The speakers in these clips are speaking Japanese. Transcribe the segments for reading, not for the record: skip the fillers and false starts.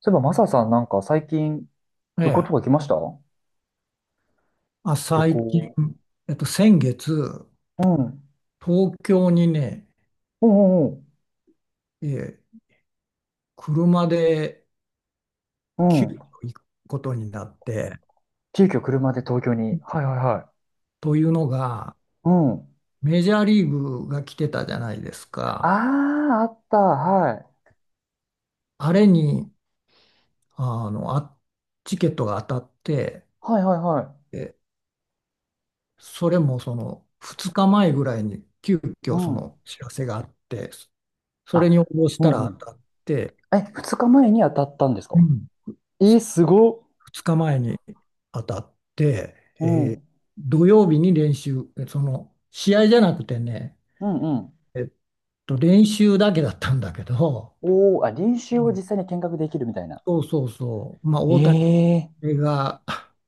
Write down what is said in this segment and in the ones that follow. そういえば、マサさんなんか最近え旅行とえ、か来ました？あ、旅最近、行。先月、うん。東京にね、うんうんうん。ええ、車でう急ん。遽行くことになって、急遽車で東京に。はいはいはというのが、い。うん。メジャーリーグが来てたじゃないですあか。あ、あった。はい。あれに、あの、あ、チケットが当たって、はいはいはえ、それもその2日前ぐらいに急い。う遽そん。の知らせがあって、それに応あ、募しうたんらう当ん。たって、え、二日前に当たったんですうか？ん、えー、すごっ。2日前に当たって、うえーん。土曜日に練習、その試合じゃなくてね、うんうん。えっ練習だけだったんだけど、おー、あ、練う習をん、実際に見学できるみたいな。そうそうそう、まあ、え大谷えー、が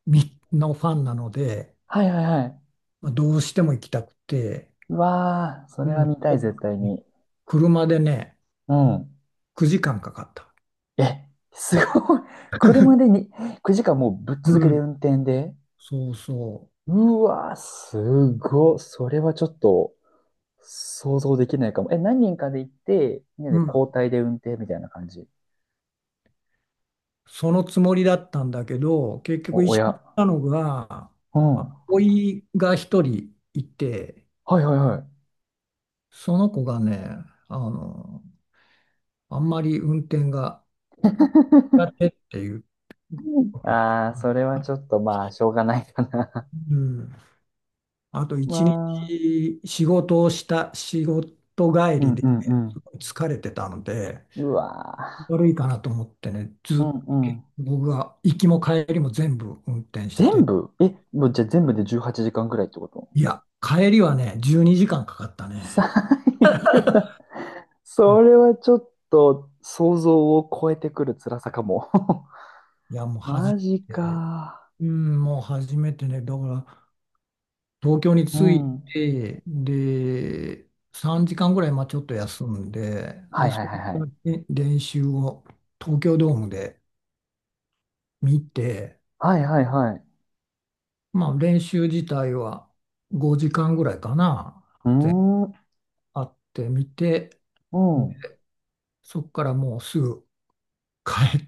みのファンなので、はいはいはい。まあ、どうしても行きたくて、うわー、そうれん、は見たい、絶対に。車でね、うん。9時間かかった。え、すごい。車でに9時間もうぶっ続けうでん。運転で。そうそうわー、すごい。それはちょっと想像できないかも。え、何人かで行って、みんなう。うでん。交代で運転みたいな感じ。そのつもりだったんだけど、結局お、一緒に行親。ったのが、うん。あおはいが一人いて、いはいはい。その子がね、あの、あんまり運転が苦手っていうこ とああ、それで、はちょっとまあ、しょうがないかな。うん、あと 一まあ、日仕事をした、仕事帰うりんでうんうん。疲れてたので、うわ悪いかなと思ってね、ー、ずっとうんうん。僕が行きも帰りも全部運転し全て、部え、もうじゃあ全部で18時間ぐらいってこと？いや、帰りはね、12時間かんかかった最ね。悪だ。それはちょっと想像を超えてくる辛さかも。いや、もう初マジめて、か。だから、東京にう着いん。て、で、3時間ぐらい、まあちょっと休んで、はで、いそはいこはいはからい。ね練習を東京ドームで見て、はいはいはい。まあ練習自体は5時間ぐらいかな、うでーん。あってみて、うでん。そこからもうすぐ帰っ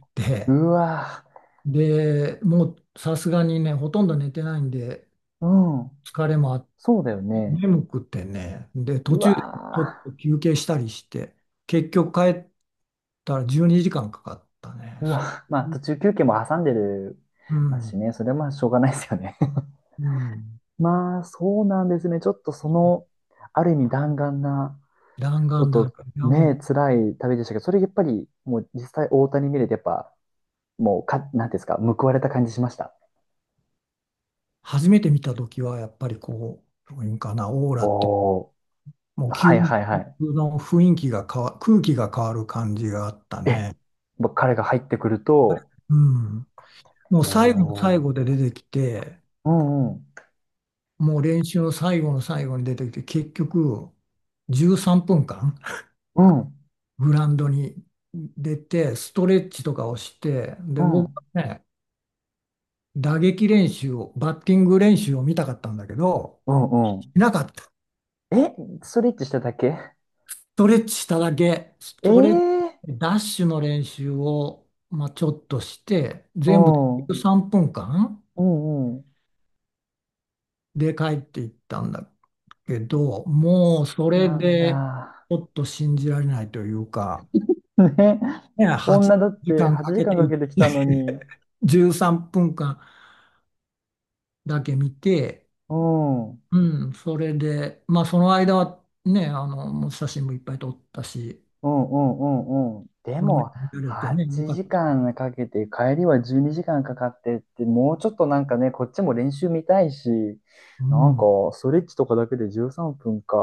うて、わで、もうさすがにね、ほとんど寝てないんで、ー。うん。疲れもあっそうだよね。眠くてね、で、途う中でちょっわと休憩したりして、結局帰ったら12時間かんかかったね。ー。うそわ。まあう、途中休憩も挟んでるうますしん、ね。それはまあしょうがないですよね。うん。まあそうなんですね。ちょっとその、ある意味弾丸な、弾ちょっ丸だとから、いやもう、ね、辛い旅でしたけど、それやっぱりもう実際大谷見れてやっぱ、もう、なんていうんですか、報われた感じしました。初めて見た時は、やっぱりどういうんかな、オーラっていう、おー、もう究はいはいはい。極の雰囲気が変わ、空気が変わる感じがあったえ、ね。もう彼が入ってくると、うん。もおう最後の最後ー、で出てきて、うんうん、もう練習の最後の最後に出てきて、結局、13分間うん、グラウンドに出て、ストレッチとかをして、で、う僕ん、はね、打撃練習を、バッティング練習を見たかったんだけど、うんうしん。なかった。スえ、ストレッチしただけ？トレッチしただけ、スええトレッチ、ー、ダッシュの練習を、まあ、ちょっとして、う全部でん、う3分間んうで帰っていったんだけど、もうそん。れなんで、だ。ちょっと信じられないというか、ね。ね、8女だって時間か8んかけ時間てかん行っかけてきたのて、に。13分間だけ見て、うん。うん、それで、まあその間はね、あの、もう写真もいっぱい撮ったし、うんうんうんうん。でこの目でも、見られてね、よ8かった。時間かんかけて、帰りは12時間かんかかってって、もうちょっとなんかね、こっちも練習見たいし、うなんか、ん、ストレッチとかだけで13分か。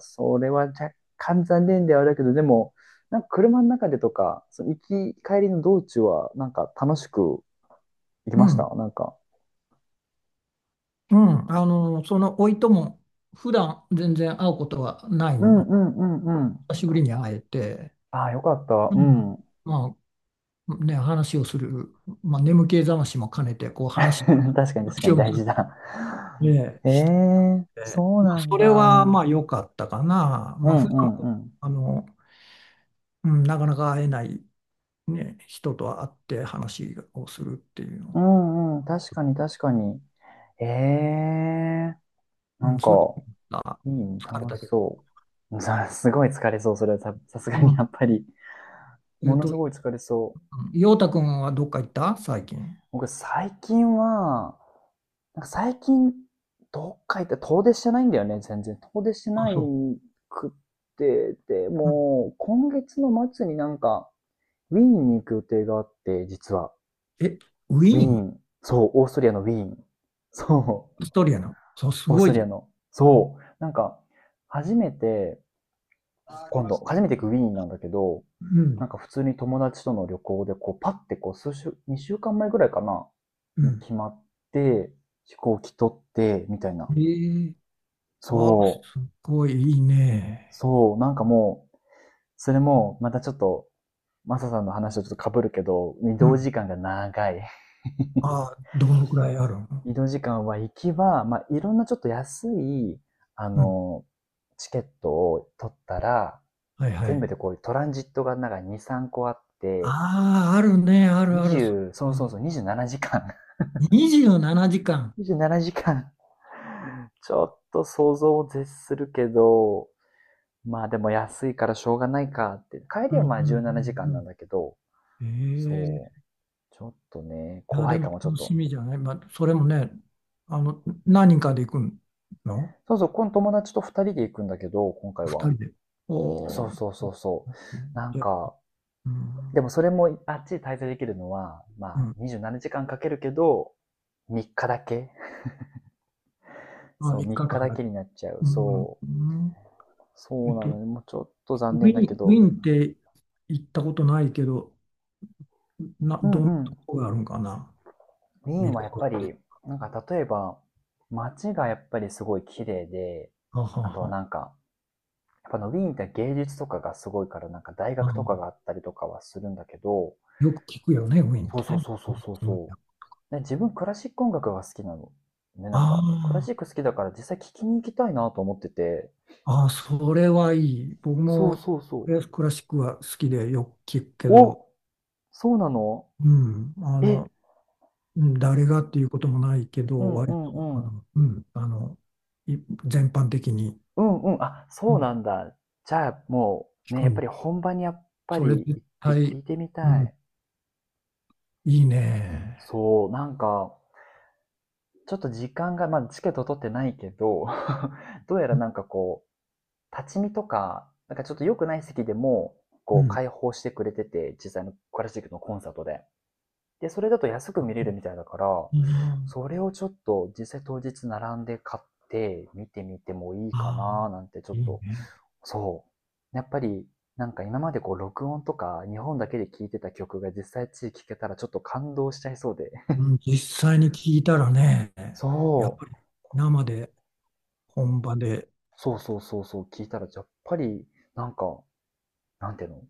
それは若干残念ではあるけど、でも、なんか車の中でとか、その行き、帰りの道中は、なんか楽しく行きうましん、た。なんか。うん、あの、その甥いとも、普段全然会うことはないうんの。うんうんうん。久しぶりに会えて、ああ、よかった。ううん、ん。まあね、話をする、まあ眠気覚ましも兼ねて、こう 話を、ね、確かに確かに大事だ。ええしてたんー、で、そうまあ、なんそれはまあだ。良かったかな。うまあん普う段、んうん。あの、うん、なかなか会えない。ね、人と会って話をするっていううのは、んうん、確かに確かに。ええー、なうん、んか、それがいいね、疲れ楽たしけど。そう。さ、すごい疲れそう、それはさ、さすがうにん、やっぱり。えっものと、すごい疲れそう。陽太くんはどっか行った最近。僕、最近は、なんか最近、どっか行って遠出してないんだよね、全然。遠出してあ、ないそくって、でう。うん、もう、今月の末になんか、ウィーンに行く予定があって、実は。え、ウウィィーーン、ン。そう、オーストリアのウィーン。そう。オーストリアの。そう、すオースごトいじリゃアん。の。そう。なんか、初めて、今度、初めて行くウィーンなんだけど、うん、なんか普通に友達との旅行で、こう、パッてこう、2週間前ぐらいかな、うにん。決まって、飛行機取って、みたいな。ええ、あ、そう。すごいいいね。そう。なんかもう、それも、またちょっと、マサさんの話とちょっと被るけど、移う動ん。時間が長い。あ、どのくらいある の。移動時間は行きは、まあ、いろんなちょっと安い、あうん。の、チケットを取ったら、はいは全い。部でこういうトランジットがなんか2、3個あって、ああ、あるね、あるある。そ20、そう、ううそうん、そう、27時間。27時間。27時間。ちょっと想像を絶するけど、まあでも安いからしょうがないかって。帰りうんはうまあ17ん時う間ななじかんなんんだけど、うん。えそう。え、ちょっとね、いや、怖でいもかもちょっ楽しと。みじゃない。まあ、それもね、あの、何人かで行くのそうそう、この友達と2人で行くんだけど、今回二は。人で。そおうー、そうそうそう。なんじゃあ、か、うん、でもそれもあっちに滞在できるのは、まうあん、27時間かんかけるけど、3日だけ、まあ、そう、三3日日間だだ。けになっちゃう。うん、そうう。ん、えそうっなと、ので、もうちょっとウ残念ィだーけン、ウィど、ーンって行ったことないけど、な、うんどんなうん。ウとこがあるんかな、ィー見ンるはとやっこぱっり、て。なんか例えば、街がやっぱりすごい綺麗で、あはあとはは、なんか、やっぱのウィーンって芸術とかがすごいから、なんか大う学とん、かがあったりとかはするんだけど、よく聞くよね、ウィーンっそうそてうね。そうそうそうそう。で、自分クラシック音楽が好きなの。ね、なんか、クラあシック好きだから実際聴きに行きたいなと思ってて。あ、ああ、それはいい。僕そうもそうそクラシックは好きでよく聞くけう。ど、お、そうなの？うん、あの、え、うん誰がっていうこともないけうど、んう割と、んうん。い全般的に、うんうん。あ、うそうん、なんだ。じゃあ、も聞う、ね、くやっぱん。り本場にやっぱそれり絶行って対、聞いてみうたん、い。いいね。そう、なんか、ちょっと時間が、まあ、チケット取ってないけど、どうやらなんかこう、立ち見とか、なんかちょっと良くない席でも、うこう、ん、開放してくれてて、実際のクラシックのコンサートで。で、それだと安く見れるみたいだから、いいな。それをちょっと実際当日並んで買って見てみてもいいかあなあ、なんてちょっいいと。ね。そう。やっぱり、なんか今までこう録音とか日本だけで聴いてた曲が実際地域で聴けたらちょっと感動しちゃいそうで。うん、実際に聞いたらね、やっそぱりう。生で、本場で、そうそうそうそう、聞いたらやっぱり、なんか、なんていうの、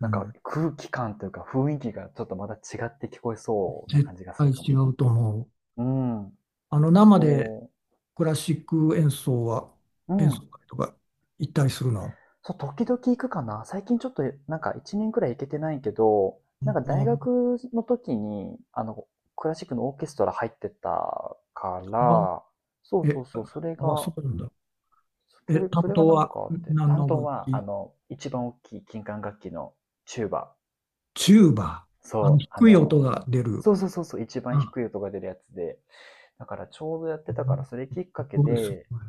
うんかん、空気感というか雰囲気がちょっとまた違って聞こえそうな絶感じがす対るかも。違うと思う。うん。あの、生でそクラシック演奏は、う。う演奏ん。会とか行ったりするの。そう、時々行くかな。最近ちょっと、なんか1年くらい行けてないけど、なんかあ大あ、学の時に、クラシックのオーケストラ入ってたかまら、そうあ、そえ、うそう、それあ、そが、うなんだ。そえ、れ担それが当なんはかあって、何担の当楽は、器。一番大きい金管楽器のチューバ。チューバー。あの、そう、低い音が出る。そうそうそうそう、一番あ、低い音が出るやつで。だからちょうどやってうたから、ん、それきっかすけごい、すで、ごい。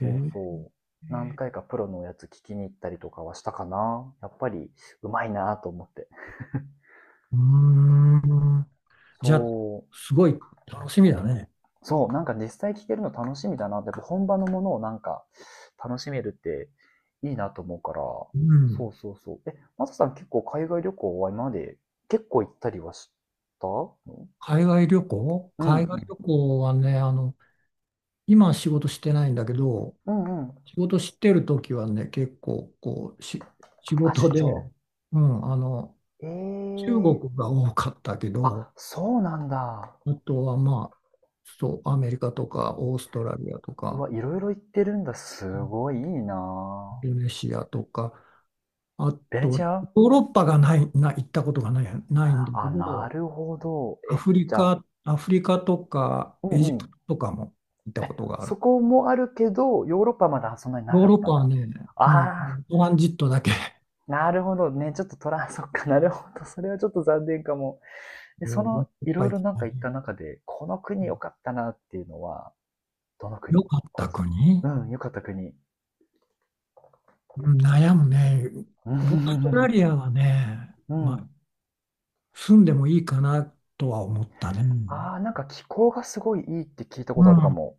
えそうー、そう。何回かプロのやつ聞きに行ったりとかはしたかな。やっぱりうまいなと思って。うーん。じゃあ、そう。すごい楽しみだね。そう、なんか実際聞けるの楽しみだなって、本場のものをなんか楽しめるっていいなと思うから。うそん。うそうそう。え、マサさん結構海外旅行は今まで結構行ったりはしたの？うんう海外ん。旅行はね、あの、今は仕事してないんだけど、うんうん。仕事してる時はね、結構、こう、し、仕あ、出事で、張。うん、あの、え中え、国が多かったけど、あ、そうなんだ。あとはまあ、そう、アメリカとか、オーストラリアとうか、わ、いろいろ行ってるんだ。すイごいいいンな。ドネシアとか、あベネと、ヨチア。ーロッパがない、な、行ったことがない、ないんだけあ、など、るほど。え、じゃあ、アフリカとか、うエジんうん。プトとかも行ったことがある。そこもあるけど、ヨーロッパはまだそんなになヨーかっロッたパんはだ。ね、あうん、あ、トランジットだけ、なるほどね。ちょっとトラン、そっか、なるほど。それはちょっと残念かも。で、そもういっの、いろぱいい行ろっなんたか行ったね。中で、この国良かったなっていうのは、どのよ国？かったこ国、うん、良かった国。うん悩むね。うオーストラん。リアはね、うまあ、ん、住んでもいいかなとは思ったね。ああ、なんか気候がすごいいいって聞いたこうとあるかも。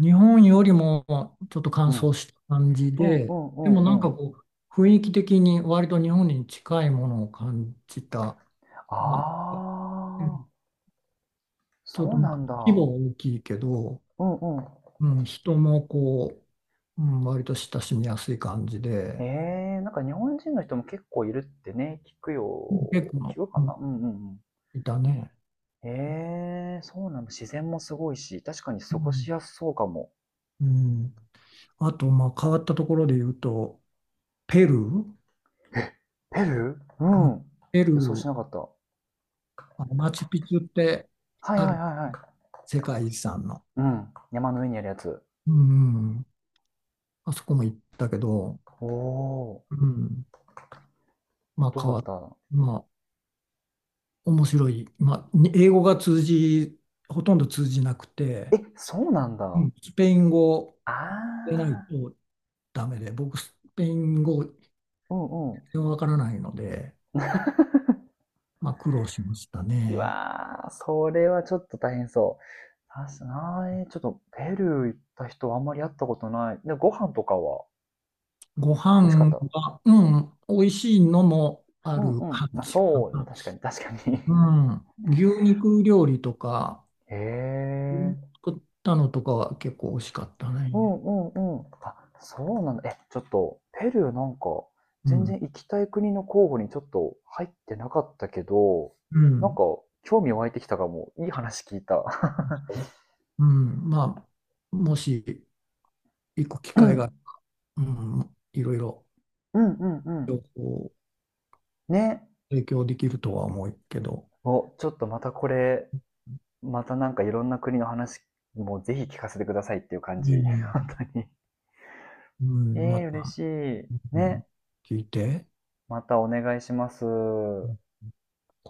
ん。日本よりもちょっと乾うん。う燥んした感じうんで、うでもなんんうかん。こう、雰囲気的に割と日本に近いものを感じた。あまあ、うん、あ、ちょっとそうまなあんだ。規模は大きいけど、うんうん。うん、人もこう、うん、割と親しみやすい感じえで、え、なんか日本人の人も結構いるってね、聞くよ。結構、聞くかうん、な、うんうんうん。いたね。ええ、そうなの。自然もすごいし、確かにう過ごん、しやすそうかも。うん、あと、まあ、変わったところで言うと、ペルー、え、ペルー、ううん、ん。ペル予想ー、しなかった。はあのマチュピチュっていはいあはいるはい。世界遺産の。うん。山の上にあるやつ。うん、あそこも行ったけど、おお、うん、まあどう変だわっっ、た？まあ面白い、まあに英語が通じ、ほとんど通じなくえ、て、そうなんだ。うあん。スペイン語あ、でないとダメで、僕スペイン語全うんうん。然わからないので、まあ苦労しましたうね。わあ、それはちょっと大変そう。確かに、ちょっとペルー行った人あんまり会ったことない。で、ご飯とかはご美味しかっ飯た？が、うん、美味しいのもあうんるう感ん。まあ、じかそうね、な。確かに、確かうに。 ん、牛肉料理とか、へえ。作ったのとかは結構美味しかったうんね。うんうん。あ、そうなんだ。え、ちょっと、ペルーなんか、う全ん。然行きたい国の候補にちょっと入ってなかったけど、うなんか、ん。興味湧いてきたかも。いい話聞いた。うん、まあ、もし行く機う会ん、が、うん、いろいろうん、うん、うん。こね。う提供できるとは思うけど、お、ちょっとまたこれ、またなんかいろんな国の話もぜひ聞かせてくださいっていう感じ。う ん。本当に。うえん、まえー、嬉た、しい。うん、ね。聞いて。またお願いしまうす。ん